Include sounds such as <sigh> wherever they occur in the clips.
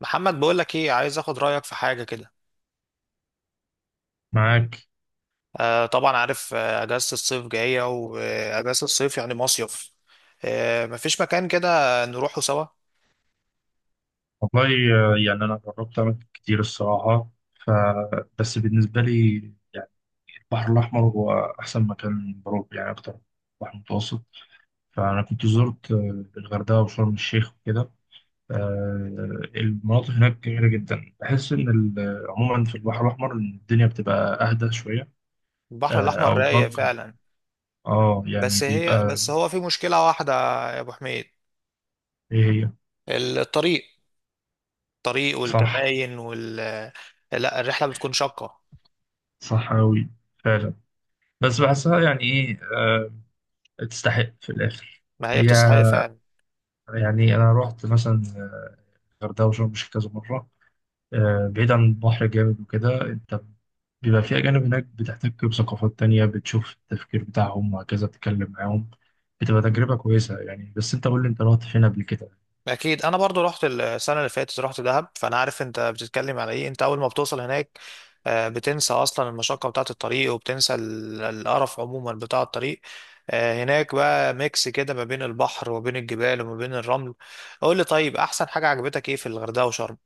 محمد، بقول لك ايه، عايز اخد رايك في حاجه كده. معاك. آه طبعا عارف. اجازه الصيف جايه، واجازه الصيف يعني مصيف. مفيش مكان كده نروحه سوا؟ والله. يعني أنا جربت أماكن كتير الصراحة بس بالنسبة لي، يعني البحر الأحمر هو أحسن مكان بروح يعني أكتر. بحر متوسط. فأنا كنت زرت الغردقة وشرم الشيخ وكده. آه، المناطق هناك جميلة جدا، بحس إن عموما في البحر الأحمر إن الدنيا بتبقى أهدى شوية البحر الاحمر أو رايق ضجة. فعلا. أه يعني بس هي بيبقى. بس هو في مشكله واحده، يا ابو حميد. إيه هي؟ الطريق. الطريق صح. والكباين لا، الرحله بتكون شاقه. صح أوي. فعلا. بس بحسها يعني إيه، تستحق في الاخر. ما هي هي بتستحق فعلا. يعني انا رحت مثلا الغردقه وشرم الشيخ كذا مره. بعيد عن البحر جامد وكده، انت بيبقى في اجانب هناك، بتحتك بثقافات تانية، بتشوف التفكير بتاعهم وهكذا، بتتكلم معاهم. بتبقى تجربه كويسه يعني. بس انت قول لي، انت رحت فين قبل كده؟ اكيد، انا برضو رحت السنه اللي فاتت، رحت دهب، فانا عارف انت بتتكلم على ايه. انت اول ما بتوصل هناك، بتنسى اصلا المشقه بتاعه الطريق، وبتنسى القرف عموما بتاع الطريق. هناك بقى ميكس كده ما بين البحر وبين الجبال وما بين الرمل. قول لي طيب، احسن حاجه عجبتك ايه في الغردقه وشرم؟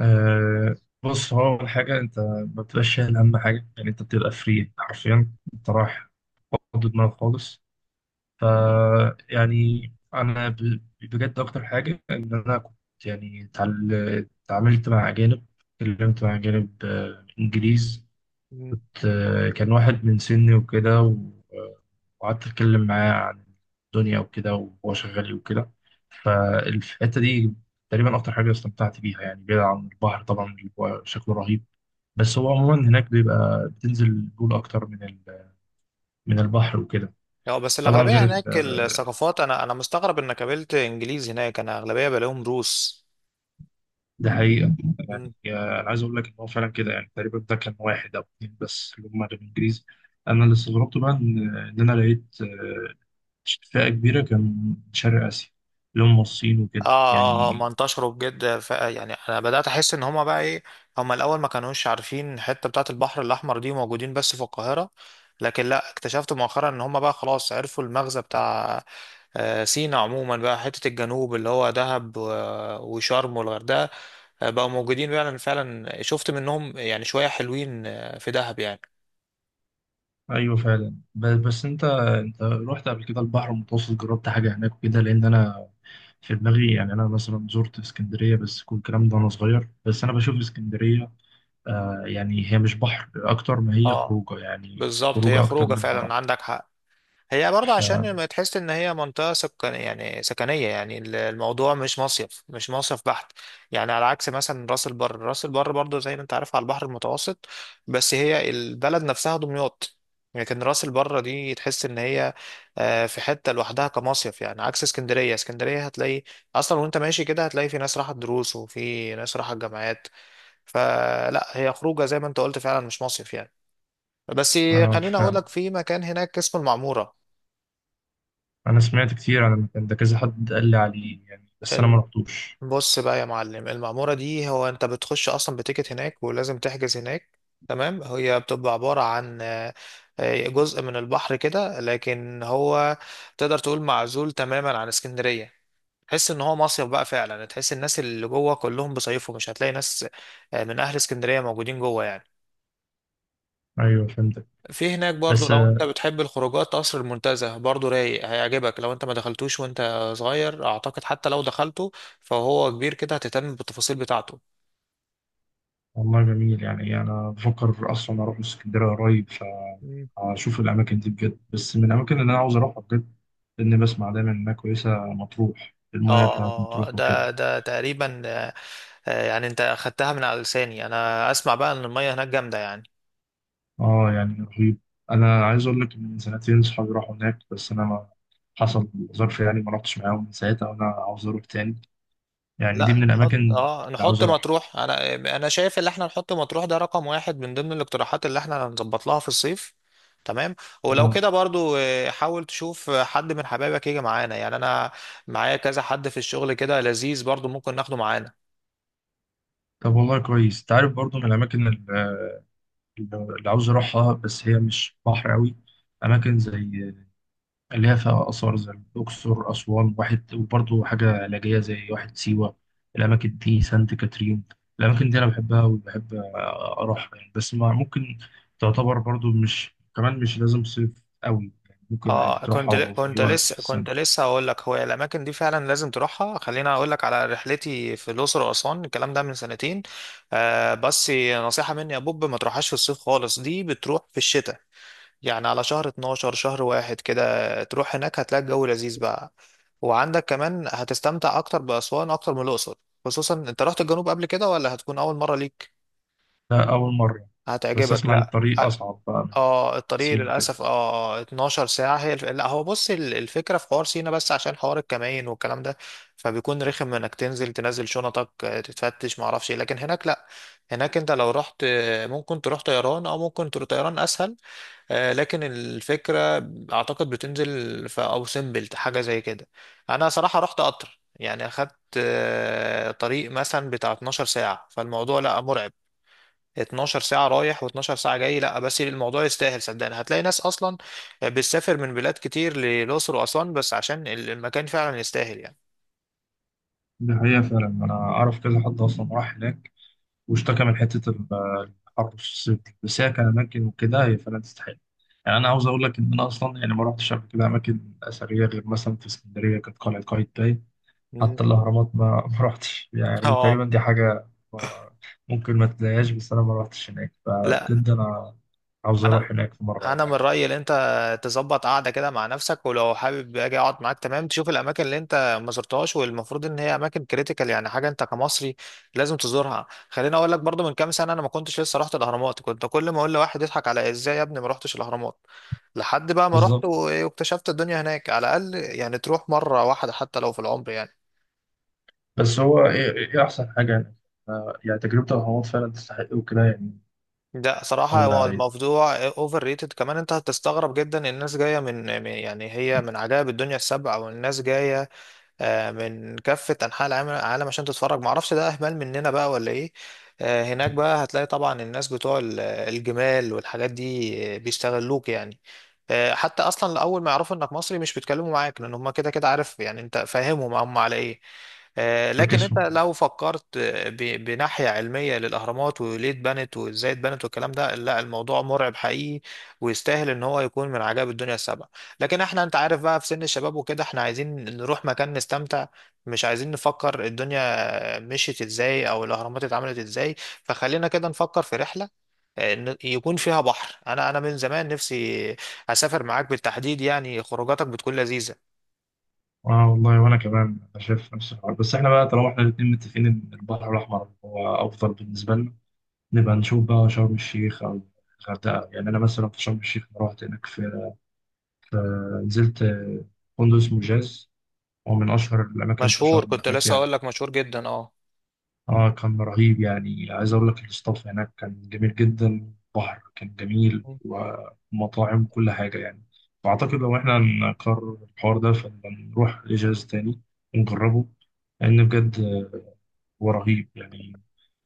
أه بص، هو اول حاجه انت ما بتبقاش شايل هم حاجه يعني، انت بتبقى فري حرفيا، انت رايح فاضي دماغك خالص. ف يعني بجد اكتر حاجه ان انا كنت يعني اتعاملت مع اجانب، اتكلمت مع اجانب انجليز. مم. كان واحد من سني وكده وقعدت اتكلم معاه عن الدنيا وكده، وهو شغال إيه وكده. فالحته دي تقريبا اكتر حاجه استمتعت بيها يعني، بعيد عن البحر طبعا اللي هو شكله رهيب. بس هو عموما هناك بيبقى بتنزل البول اكتر من من البحر وكده. اه، بس طبعا الاغلبيه غير هناك الثقافات، انا مستغرب انك قابلت انجليز هناك. انا اغلبيه بلاقيهم روس. ده حقيقة. عايز اقول لك ان هو فعلا كده، يعني تقريبا ده كان واحد او اثنين بس اللي هم كانوا انجليزي. انا اللي استغربته بقى ان انا لقيت فئه كبيره كان من شرق اسيا اللي هم الصين وكده اه اه، هم يعني. انتشروا بجد. يعني انا بدات احس ان هما بقى ايه، هما الاول ما كانوش عارفين الحته بتاعه البحر الاحمر دي، موجودين بس في القاهره. لكن لا، اكتشفت مؤخرا ان هما بقى خلاص عرفوا المغزى بتاع سينا عموما، بقى حته الجنوب اللي هو دهب وشرم والغردقه. بقوا موجودين فعلا. فعلا شفت منهم يعني شويه حلوين، في دهب يعني. ايوه فعلا، بس انت رحت قبل كده البحر المتوسط؟ جربت حاجه هناك وكده؟ لان انا في دماغي، يعني انا مثلا زرت اسكندريه بس كل الكلام ده وانا صغير، بس انا بشوف اسكندريه آه يعني هي مش بحر، اكتر ما هي اه، خروجه، يعني بالظبط، هي خروجه اكتر خروجه منها فعلا، بحر. عندك حق. هي برضه ف... عشان ما تحس ان هي منطقه سكن يعني سكنيه، يعني الموضوع مش مصيف، مش مصيف بحت. يعني على عكس مثلا راس البر. راس البر برضه زي ما انت عارف على البحر المتوسط، بس هي البلد نفسها دمياط. لكن راس البر دي تحس ان هي في حته لوحدها كمصيف. يعني عكس اسكندريه. اسكندريه هتلاقي اصلا وانت ماشي كده، هتلاقي في ناس راحت دروس، وفي ناس راحت جامعات. فلا، هي خروجه زي ما انت قلت فعلا، مش مصيف يعني. بس خليني اقول فعلا. لك في مكان هناك اسمه المعموره. انا سمعت كتير عن المكان ده، كذا حد قال لي عليه يعني، بس انا ما رحتوش. بص بقى يا معلم، المعمورة دي هو انت بتخش اصلا بتيكت هناك، ولازم تحجز هناك، تمام. هي بتبقى عبارة عن جزء من البحر كده، لكن هو تقدر تقول معزول تماما عن اسكندرية. تحس ان هو مصيف بقى فعلا. تحس الناس اللي جوه كلهم بيصيفوا، مش هتلاقي ناس من اهل اسكندرية موجودين جوه يعني. ايوه فهمتك. في هناك برضو بس لو انت بتحب الخروجات، قصر المنتزه برضو رايق، هيعجبك لو انت ما دخلتوش وانت صغير. اعتقد حتى لو دخلته فهو كبير كده، هتهتم بالتفاصيل بتاعته. والله جميل، يعني انا بفكر اصلا اروح اسكندريه قريب فاشوف الاماكن دي بجد. بس من الاماكن اللي انا عاوز اروحها بجد، لاني بسمع دايما انها كويسه، مطروح، المايه بتاعت اه، مطروح وكده. ده تقريبا، يعني انت اخدتها من على لساني. انا اسمع بقى ان المية هناك جامدة يعني. اه يعني رهيب. انا عايز اقول لك إن من سنتين صحابي راحوا هناك بس انا ما حصل ظرف يعني، ما رحتش معاهم من ساعتها وانا عاوز اروح تاني. يعني دي من لا، نحط الاماكن اللي اه عاوز نحط اروحها. مطروح. انا شايف ان احنا نحط مطروح ده رقم واحد من ضمن الاقتراحات اللي احنا هنظبط لها في الصيف. تمام. ولو آه. كده برضو حاول تشوف حد من حبايبك يجي معانا. يعني انا معايا كذا حد في الشغل كده لذيذ، برضو ممكن ناخده معانا. طب والله كويس. انت عارف برضو من الاماكن اللي عاوز اروحها، بس هي مش بحر قوي، اماكن زي اللي هي فيها اثار زي الاقصر، اسوان، واحد، وبرضو حاجه علاجيه زي واحد سيوه. الاماكن دي سانت كاترين، الاماكن دي انا بحبها وبحب اروحها يعني. بس ما ممكن، تعتبر برضو مش كمان مش لازم صيف قوي يعني، ممكن عادي اه، كنت ل- تروحها في اي كنت وقت لسه في السنه. كنت لسه هقول لك هو الاماكن دي فعلا لازم تروحها. خليني اقول لك على رحلتي في الاقصر واسوان، الكلام ده من سنتين. آه بس، نصيحه مني يا بوب، ما تروحهاش في الصيف خالص. دي بتروح في الشتاء، يعني على شهر 12، شهر واحد كده، تروح هناك هتلاقي الجو لذيذ بقى. وعندك كمان هتستمتع اكتر باسوان اكتر من الاقصر. خصوصا انت رحت الجنوب قبل كده، ولا هتكون اول مره ليك؟ ده اول مره. بس هتعجبك. اسمع ان لا الطريق اصعب بقى من اه، الطريق سينا كده. للاسف، اه 12 ساعه هي لا، هو بص، الفكره في حوار سينا، بس عشان حوار الكمائن والكلام ده، فبيكون رخم انك تنزل شنطك، تتفتش، ما اعرفش إيه. لكن هناك لا، هناك انت لو رحت، ممكن تروح طيران، او ممكن تروح طيران اسهل. لكن الفكره اعتقد بتنزل في او سيمبل، حاجه زي كده. انا صراحه رحت قطر، يعني اخدت طريق مثلا بتاع 12 ساعه، فالموضوع لا مرعب. 12 ساعة رايح و12 ساعة جاي، لا بس الموضوع يستاهل، صدقني. هتلاقي ناس أصلا بتسافر من بلاد كتير للأقصر وأسوان بس عشان المكان فعلا يستاهل يعني. دي حقيقة فعلا، أنا أعرف كذا حد أصلا راح هناك واشتكى من حته الحر في الصيف دي. بس هي كاماكن وكده هي فعلا تستحق. يعني انا عاوز اقول لك ان انا اصلا يعني ما رحتش قبل كده اماكن اثريه، غير مثلا في اسكندريه كانت قلعه قايتباي. مم. حتى الاهرامات ما <laughs> ما رحتش يعني، اه تقريبا دي حاجه ما- ممكن ما تلاقيهاش، بس انا ما رحتش هناك، لا، فبجد انا عاوز أنا اروح هناك في مره ولا انا من حاجه. رايي ان انت تظبط قعده كده مع نفسك، ولو حابب اجي اقعد معاك تمام، تشوف الاماكن اللي انت ما زرتهاش، والمفروض ان هي اماكن كريتيكال، يعني حاجه انت كمصري لازم تزورها. خليني اقول لك برضو، من كام سنه انا ما كنتش لسه رحت الاهرامات. كنت كل ما اقول لواحد يضحك على ازاي يا ابني ما رحتش الاهرامات. لحد بقى ما رحت بالظبط. واكتشفت الدنيا هناك. على الاقل يعني تروح مره واحده حتى لو في العمر يعني. بس هو ايه، إيه احسن حاجه يعني، يعني تجربه الاهرامات فعلا تستحق وكده يعني. ده صراحة هو الله الموضوع اوفر ريتد كمان. انت هتستغرب جدا، الناس جاية يعني هي من عجائب الدنيا السبع، والناس جاية من كافة أنحاء العالم عشان تتفرج. معرفش ده أهمال مننا بقى ولا إيه؟ هناك بقى هتلاقي طبعا الناس بتوع الجمال والحاجات دي، بيستغلوك يعني. حتى أصلا أول ما يعرفوا إنك مصري مش بيتكلموا معاك، لأن هما كده كده، عارف يعني، أنت فاهمهم هم على إيه. لكن انت يعيد. لو فكرت بناحية علمية للأهرامات، وليه اتبنت وازاي اتبنت والكلام ده، لا الموضوع مرعب حقيقي، ويستاهل ان هو يكون من عجائب الدنيا السبعة. لكن احنا انت عارف بقى في سن الشباب وكده، احنا عايزين نروح مكان نستمتع، مش عايزين نفكر الدنيا مشيت ازاي او الاهرامات اتعملت ازاي. فخلينا كده نفكر في رحلة يكون فيها بحر. انا من زمان نفسي اسافر معاك بالتحديد، يعني خروجاتك بتكون لذيذة. اه والله، وانا كمان انا شايف نفس الحوار. بس احنا بقى طالما احنا الاتنين متفقين ان البحر الاحمر هو افضل بالنسبه لنا، نبقى نشوف بقى شرم الشيخ او الغردقه. يعني انا مثلا في شرم الشيخ، أنا رحت هناك في في- نزلت فندق اسمه جاز. هو من اشهر الاماكن في مشهور، شرم كنت هناك لسه يعني. اقول لك مشهور جدا، اه. اه كان رهيب يعني. عايز اقول لك الاستاف هناك كان جميل جدا، بحر كان جميل، ومطاعم، كل حاجه يعني. واعتقد لو احنا هنقرر الحوار ده، فنبقى نروح لجهاز تاني ونجربه، لان بجد هو رهيب يعني.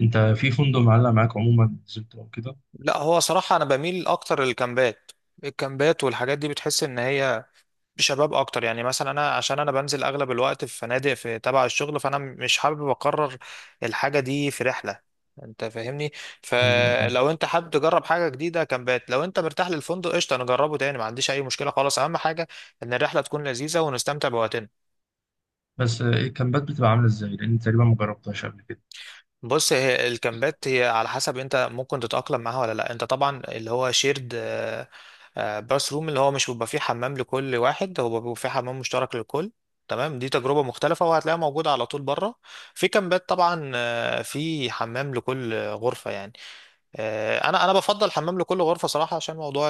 انت في فندق معلق معاك، عموما نزلت او كده؟ لا هو صراحة انا بميل اكتر للكامبات. الكامبات والحاجات دي بتحس ان هي بشباب اكتر. يعني مثلا انا عشان انا بنزل اغلب الوقت في فنادق في تبع الشغل، فانا مش حابب اقرر الحاجه دي في رحله، انت فاهمني. ايوه فاهم. فلو انت حابب تجرب حاجه جديده كامبات، لو انت مرتاح للفندق قشطه نجربه تاني، ما عنديش اي مشكله خالص. اهم حاجه ان الرحله تكون لذيذه ونستمتع بوقتنا. بس الكامبات بتبقى عامله ازاي؟ لان تقريبا ما جربتهاش قبل كده. بص، هي الكامبات هي على حسب انت ممكن تتأقلم معاها ولا لا. انت طبعا اللي هو شيرد باث روم، اللي هو مش بيبقى فيه حمام لكل واحد، هو بيبقى فيه حمام مشترك للكل، تمام. دي تجربة مختلفة، وهتلاقيها موجودة على طول بره. في كامبات طبعا في حمام لكل غرفة يعني. انا بفضل حمام لكل غرفة صراحة، عشان موضوع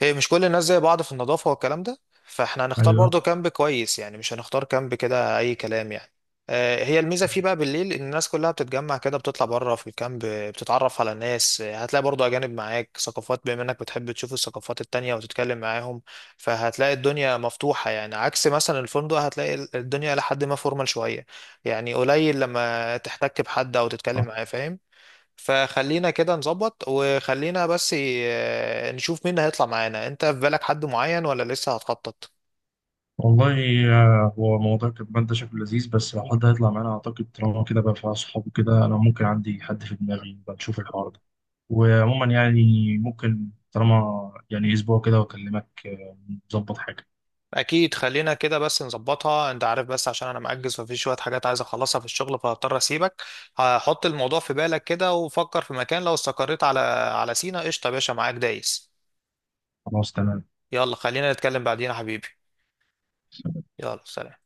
هي مش كل الناس زي بعض في النظافة والكلام ده. فاحنا هنختار ايوه. برضو كامب كويس يعني، مش هنختار كامب كده أي كلام يعني. هي الميزة فيه بقى بالليل، إن الناس كلها بتتجمع كده بتطلع بره في الكامب، بتتعرف على الناس. هتلاقي برضو أجانب معاك، ثقافات، بما إنك بتحب تشوف الثقافات التانية وتتكلم معاهم. فهتلاقي الدنيا مفتوحة يعني، عكس مثلا الفندق هتلاقي الدنيا لحد ما فورمال شوية يعني، قليل لما تحتك بحد أو تتكلم معاه، فاهم. فخلينا كده نظبط، وخلينا بس نشوف مين هيطلع معانا. انت في بالك حد معين ولا لسه هتخطط؟ والله هو موضوع الكتمان ده شكله لذيذ، بس لو حد هيطلع معانا أعتقد طالما كده بقى في أصحاب وكده، أنا ممكن عندي حد في دماغي، بنشوف الحوار ده. وعموما يعني، ممكن طالما يعني أسبوع كده وأكلمك، نظبط حاجة. اكيد، خلينا كده بس نظبطها. انت عارف بس عشان انا مأجز، وفي شوية حاجات عايز اخلصها في الشغل، فهضطر اسيبك. هحط الموضوع في بالك كده، وفكر في مكان. لو استقريت على سينا، قشطة يا باشا، معاك دايس. خلاص تمام. يلا خلينا نتكلم بعدين يا حبيبي. يلا سلام.